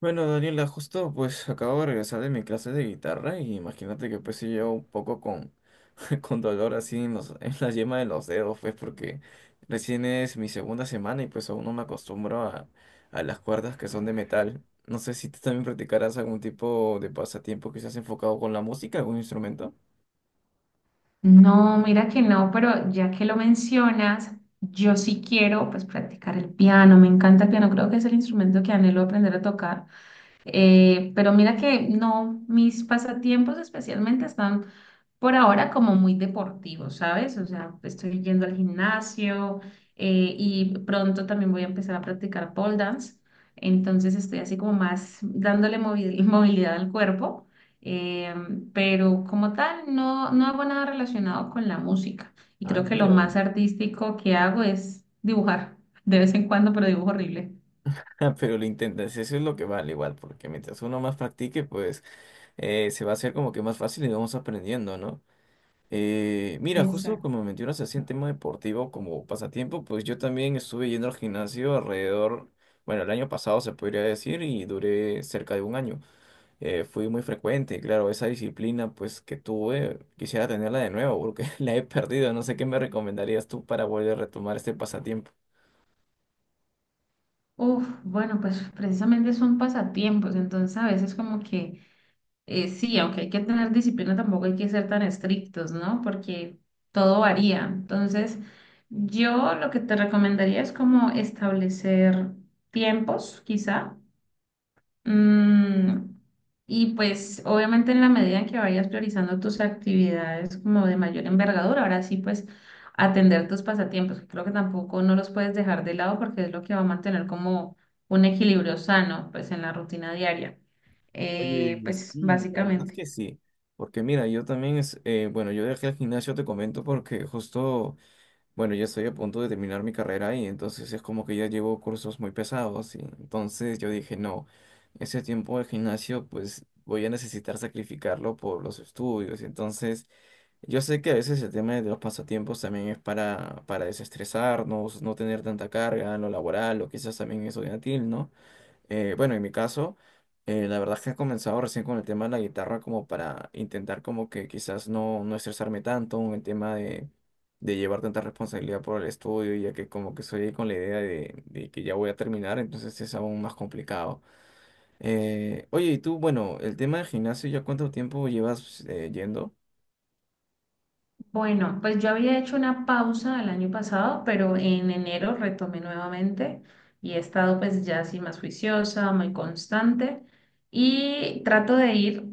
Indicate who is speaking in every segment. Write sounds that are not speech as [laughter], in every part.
Speaker 1: Bueno, Daniela, justo pues acabo de regresar de mi clase de guitarra y imagínate que pues sí llevo un poco con, [laughs] con dolor así en los, en la yema de los dedos, pues porque recién es mi segunda semana y pues aún no me acostumbro a las cuerdas que son de metal. No sé si tú también practicarás algún tipo de pasatiempo que seas enfocado con la música, algún instrumento.
Speaker 2: No, mira que no, pero ya que lo mencionas, yo sí quiero pues practicar el piano, me encanta el piano, creo que es el instrumento que anhelo aprender a tocar. Pero mira que no, mis pasatiempos especialmente están por ahora como muy deportivo, ¿sabes? O sea, estoy yendo al gimnasio, y pronto también voy a empezar a practicar pole dance. Entonces estoy así como más dándole [laughs] movilidad al cuerpo, eh, pero como tal no, no hago nada relacionado con la música. Y
Speaker 1: Ah,
Speaker 2: creo que lo
Speaker 1: mira.
Speaker 2: más
Speaker 1: [laughs]
Speaker 2: artístico que hago es dibujar, de vez en cuando, pero dibujo horrible.
Speaker 1: Ah, pero lo intentas, eso es lo que vale igual, porque mientras uno más practique, pues se va a hacer como que más fácil y vamos aprendiendo, ¿no? Mira, justo
Speaker 2: Exacto.
Speaker 1: como mencionas así en tema deportivo como pasatiempo, pues yo también estuve yendo al gimnasio alrededor, bueno, el año pasado se podría decir y duré cerca de un año. Fui muy frecuente, claro, esa disciplina pues que tuve, quisiera tenerla de nuevo porque [laughs] la he perdido. No sé qué me recomendarías tú para volver a retomar este pasatiempo.
Speaker 2: Uf, bueno, pues precisamente son pasatiempos, entonces a veces como que. Sí, aunque hay que tener disciplina, tampoco hay que ser tan estrictos, ¿no? Porque todo varía. Entonces, yo lo que te recomendaría es como establecer tiempos, quizá. Mm, y pues, obviamente, en la medida en que vayas priorizando tus actividades como de mayor envergadura, ahora sí, pues, atender tus pasatiempos, que creo que tampoco no los puedes dejar de lado porque es lo que va a mantener como un equilibrio sano, pues, en la rutina diaria.
Speaker 1: Oye,
Speaker 2: Pues,
Speaker 1: sí, la verdad. Es
Speaker 2: básicamente.
Speaker 1: que sí, porque mira, yo también es, bueno, yo dejé el gimnasio, te comento, porque justo bueno, ya estoy a punto de terminar mi carrera y entonces es como que ya llevo cursos muy pesados y entonces yo dije, no, ese tiempo de gimnasio pues voy a necesitar sacrificarlo por los estudios. Entonces yo sé que a veces el tema de los pasatiempos también es para desestresarnos, no tener tanta carga en lo laboral o quizás también estudiantil, ¿no? Bueno, en mi caso, la verdad es que he comenzado recién con el tema de la guitarra como para intentar como que quizás no, no estresarme tanto en el tema de llevar tanta responsabilidad por el estudio, ya que como que soy ahí con la idea de que ya voy a terminar, entonces es aún más complicado. Oye, y tú, bueno, el tema del gimnasio, ¿ya cuánto tiempo llevas yendo?
Speaker 2: Bueno, pues yo había hecho una pausa el año pasado, pero en enero retomé nuevamente y he estado pues ya así más juiciosa, muy constante y trato de ir,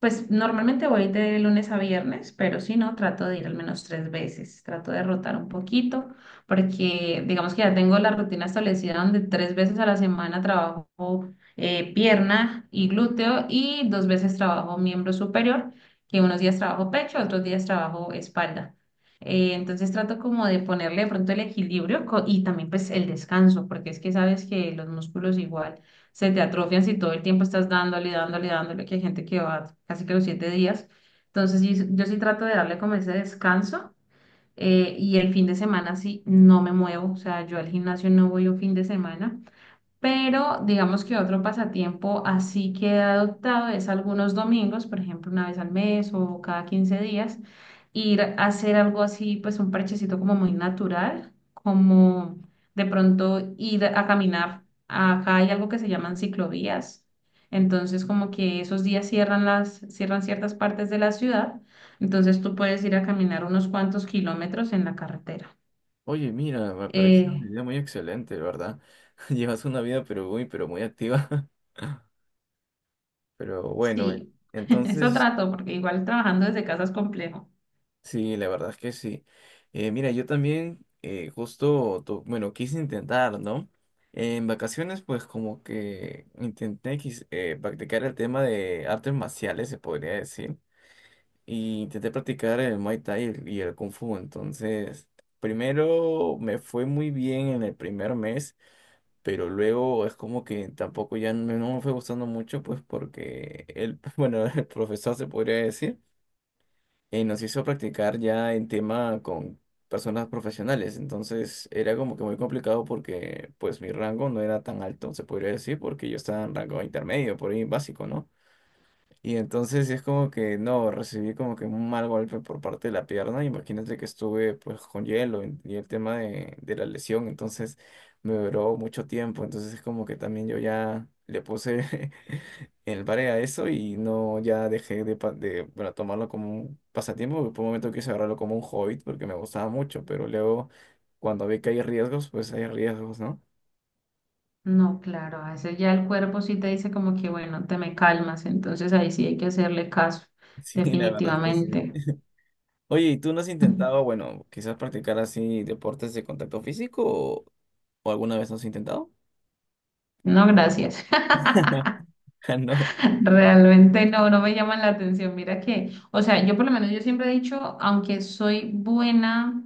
Speaker 2: pues normalmente voy de lunes a viernes, pero si no, trato de ir al menos tres veces, trato de rotar un poquito porque digamos que ya tengo la rutina establecida donde tres veces a la semana trabajo, pierna y glúteo, y dos veces trabajo miembro superior, que unos días trabajo pecho, otros días trabajo espalda. Entonces trato como de ponerle de pronto el equilibrio y también pues el descanso, porque es que sabes que los músculos igual se te atrofian si todo el tiempo estás dándole, dándole, dándole, que hay gente que va casi que los 7 días. Entonces yo sí trato de darle como ese descanso, y el fin de semana sí no me muevo, o sea, yo al gimnasio no voy un fin de semana, pero digamos que otro pasatiempo así que he adoptado es algunos domingos, por ejemplo, una vez al mes o cada 15 días, ir a hacer algo así, pues un parchecito como muy natural, como de pronto ir a caminar. Acá hay algo que se llaman ciclovías. Entonces, como que esos días cierran ciertas partes de la ciudad, entonces tú puedes ir a caminar unos cuantos kilómetros en la carretera.
Speaker 1: Oye, mira, me parece una
Speaker 2: Eh,
Speaker 1: idea muy excelente, ¿verdad? [laughs] Llevas una vida pero muy activa. [laughs] Pero bueno,
Speaker 2: Sí, [laughs] eso
Speaker 1: entonces...
Speaker 2: trato, porque igual trabajando desde casa es complejo.
Speaker 1: Sí, la verdad es que sí. Mira, yo también justo, bueno, quise intentar, ¿no? En vacaciones, pues como que intenté practicar el tema de artes marciales, se podría decir. Y intenté practicar el Muay Thai y el Kung Fu. Entonces, primero me fue muy bien en el primer mes, pero luego es como que tampoco ya no, no me fue gustando mucho, pues porque el, [laughs] bueno, el profesor se podría decir nos hizo practicar ya en tema con personas profesionales. Entonces era como que muy complicado porque pues mi rango no era tan alto, se podría decir, porque yo estaba en rango intermedio, por ahí básico, ¿no? Y entonces sí es como que no, recibí como que un mal golpe por parte de la pierna. Imagínate que estuve pues con hielo y el tema de la lesión, entonces me duró mucho tiempo. Entonces es como que también yo ya le puse [laughs] el pare a eso y no ya dejé de, de bueno, tomarlo como un pasatiempo, porque por un momento quise agarrarlo como un hobby porque me gustaba mucho, pero luego cuando vi que hay riesgos, pues hay riesgos, ¿no?
Speaker 2: No, claro, a veces ya el cuerpo sí te dice como que, bueno, te me calmas, entonces ahí sí hay que hacerle caso,
Speaker 1: [laughs] Sí, la verdad es que sí.
Speaker 2: definitivamente.
Speaker 1: Oye, ¿y tú no has intentado,
Speaker 2: [laughs]
Speaker 1: bueno, quizás practicar así deportes de contacto físico o alguna vez no has intentado?
Speaker 2: No, gracias.
Speaker 1: [laughs] Ah, no.
Speaker 2: [laughs] Realmente no, no me llaman la atención. Mira que, o sea, yo por lo menos yo siempre he dicho, aunque soy buena,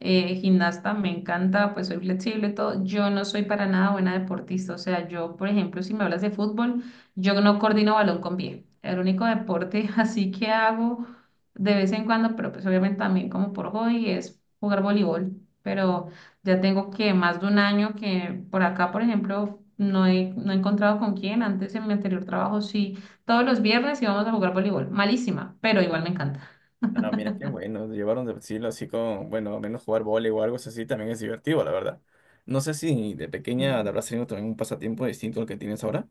Speaker 2: gimnasta, me encanta, pues soy flexible y todo, yo no soy para nada buena deportista. O sea, yo, por ejemplo, si me hablas de fútbol, yo no coordino balón con pie. El único deporte [laughs] así que hago de vez en cuando, pero pues obviamente también como por hobby, es jugar voleibol. Pero ya tengo que más de un año que por acá, por ejemplo, no he encontrado con quién. Antes en mi anterior trabajo sí, todos los viernes íbamos a jugar voleibol. Malísima, pero igual me encanta.
Speaker 1: Ah, mira qué bueno, llevaron de estilo así con, bueno, al menos jugar vóley o algo así también es divertido, la verdad. No sé si de pequeña te
Speaker 2: Y
Speaker 1: habrás tenido también un pasatiempo distinto al que tienes ahora.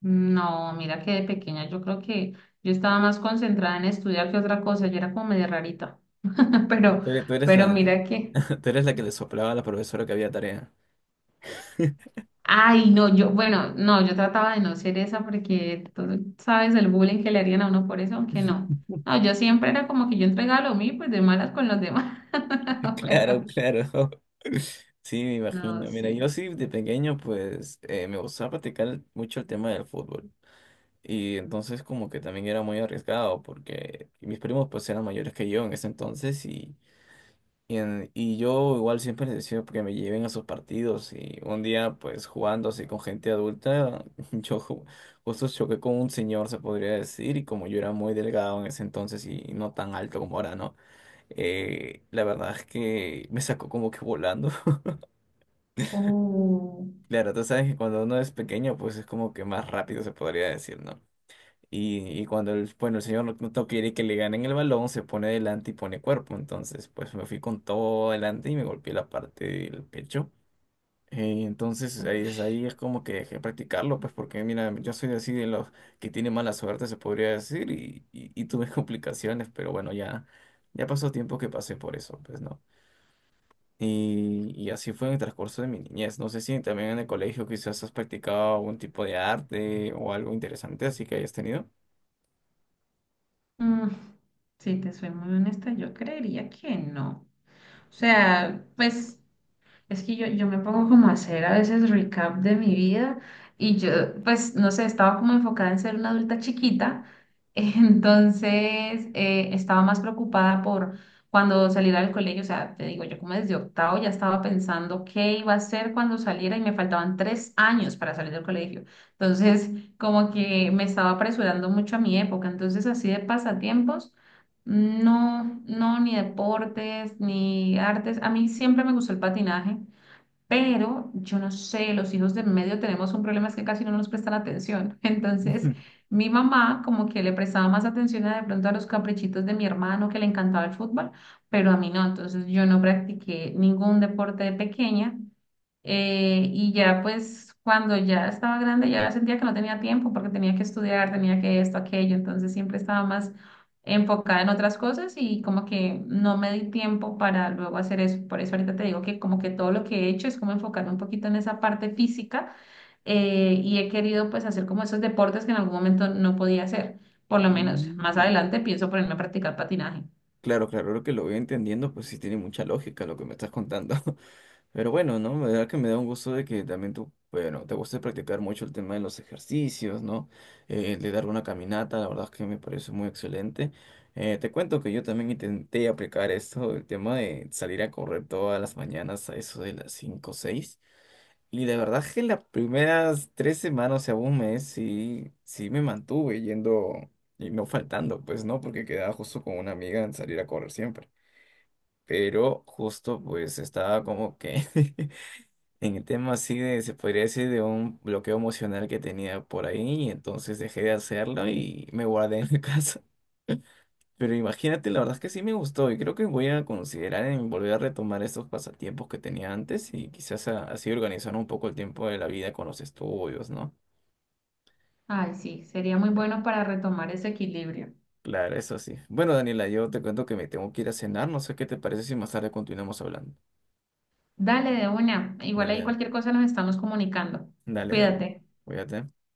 Speaker 2: no, mira que de pequeña yo creo que yo estaba más concentrada en estudiar que otra cosa. Yo era como medio rarita, [laughs]
Speaker 1: Ah,
Speaker 2: pero,
Speaker 1: tú eres, tú eres
Speaker 2: pero
Speaker 1: la,
Speaker 2: mira que.
Speaker 1: [laughs] tú eres la que le soplaba a la profesora que había tarea. [laughs]
Speaker 2: Ay, no, yo, bueno, no, yo trataba de no ser esa porque tú sabes el bullying que le harían a uno por eso, aunque no. No, yo siempre era como que yo entregaba lo mío, y, pues de malas con los demás. [laughs]
Speaker 1: Claro,
Speaker 2: Pero,
Speaker 1: claro. [laughs] Sí, me
Speaker 2: no,
Speaker 1: imagino. Mira, yo
Speaker 2: sí.
Speaker 1: sí de pequeño pues me gustaba practicar mucho el tema del fútbol. Y entonces como que también era muy arriesgado porque mis primos pues eran mayores que yo en ese entonces y, y yo igual siempre les decía que me lleven a sus partidos y un día pues jugando así con gente adulta [laughs] yo ju- justo choqué con un señor se podría decir y como yo era muy delgado en ese entonces y no tan alto como ahora, ¿no? La verdad es que me sacó como que volando. [laughs]
Speaker 2: Oh,
Speaker 1: Claro, tú sabes que cuando uno es pequeño pues es como que más rápido se podría decir, ¿no? Y cuando el, bueno, el señor no quiere que le ganen el balón, se pone adelante y pone cuerpo. Entonces, pues me fui con todo adelante y me golpeé la parte del pecho. Entonces
Speaker 2: uf,
Speaker 1: ahí es como que dejé de practicarlo, pues porque mira, yo soy así de los que tiene mala suerte, se podría decir, y tuve [laughs] complicaciones, pero bueno, ya, ya pasó tiempo que pasé por eso, pues no. Y así fue en el transcurso de mi niñez. No sé si también en el colegio quizás has practicado algún tipo de arte o algo interesante, así que hayas tenido.
Speaker 2: mm, si te soy muy honesta, yo creería que no. O sea, pues. Es que yo me pongo como a hacer a veces recap de mi vida y yo, pues, no sé, estaba como enfocada en ser una adulta chiquita, [laughs] entonces, estaba más preocupada por cuando saliera del colegio, o sea, te digo, yo como desde octavo ya estaba pensando qué iba a hacer cuando saliera y me faltaban 3 años para salir del colegio, entonces como que me estaba apresurando mucho a mi época, entonces así de pasatiempos. No, no, ni deportes, ni artes. A mí siempre me gustó el patinaje. Pero yo no sé, los hijos de medio tenemos un problema, es que casi no nos prestan atención. [laughs] Entonces,
Speaker 1: [laughs]
Speaker 2: mi mamá como que le prestaba más atención a de pronto a los caprichitos de mi hermano que le encantaba el fútbol, pero a mí no. Entonces, yo no practiqué ningún deporte de pequeña. Y ya pues cuando ya estaba grande ya sentía que no tenía tiempo porque tenía que estudiar, tenía que esto, aquello, entonces siempre estaba más enfocada en otras cosas y como que no me di tiempo para luego hacer eso. Por eso ahorita te digo que como que todo lo que he hecho es como enfocarme un poquito en esa parte física, y he querido pues hacer como esos deportes que en algún momento no podía hacer. Por lo menos más
Speaker 1: Mm,
Speaker 2: adelante pienso ponerme a practicar patinaje.
Speaker 1: claro, claro, lo que lo voy entendiendo, pues sí tiene mucha lógica lo que me estás contando. [laughs] Pero bueno, ¿no? La verdad que me da un gusto de que también tú, bueno, te guste practicar mucho el tema de los ejercicios, ¿no? De dar una caminata, la verdad es que me parece muy excelente. Te cuento que yo también intenté aplicar esto, el tema de salir a correr todas las mañanas a eso de las 5, o 6. Y de verdad que las primeras tres semanas, o sea, un mes, sí, sí me mantuve yendo y no faltando, pues, ¿no? Porque quedaba justo con una amiga en salir a correr siempre. Pero justo, pues, estaba como que [laughs] en el tema así de, se podría decir, de un bloqueo emocional que tenía por ahí, y entonces dejé de hacerlo y me guardé en la [laughs] casa. Pero imagínate, la verdad es que sí me gustó y creo que voy a considerar en volver a retomar estos pasatiempos que tenía antes y quizás así organizar un poco el tiempo de la vida con los estudios, ¿no?
Speaker 2: Ay, sí, sería muy bueno para retomar ese equilibrio.
Speaker 1: Claro, eso sí. Bueno, Daniela, yo te cuento que me tengo que ir a cenar, no sé qué te parece si más tarde continuamos hablando.
Speaker 2: Dale de una. Igual ahí
Speaker 1: Dale,
Speaker 2: cualquier cosa nos estamos comunicando.
Speaker 1: dale, dale.
Speaker 2: Cuídate.
Speaker 1: Cuídate.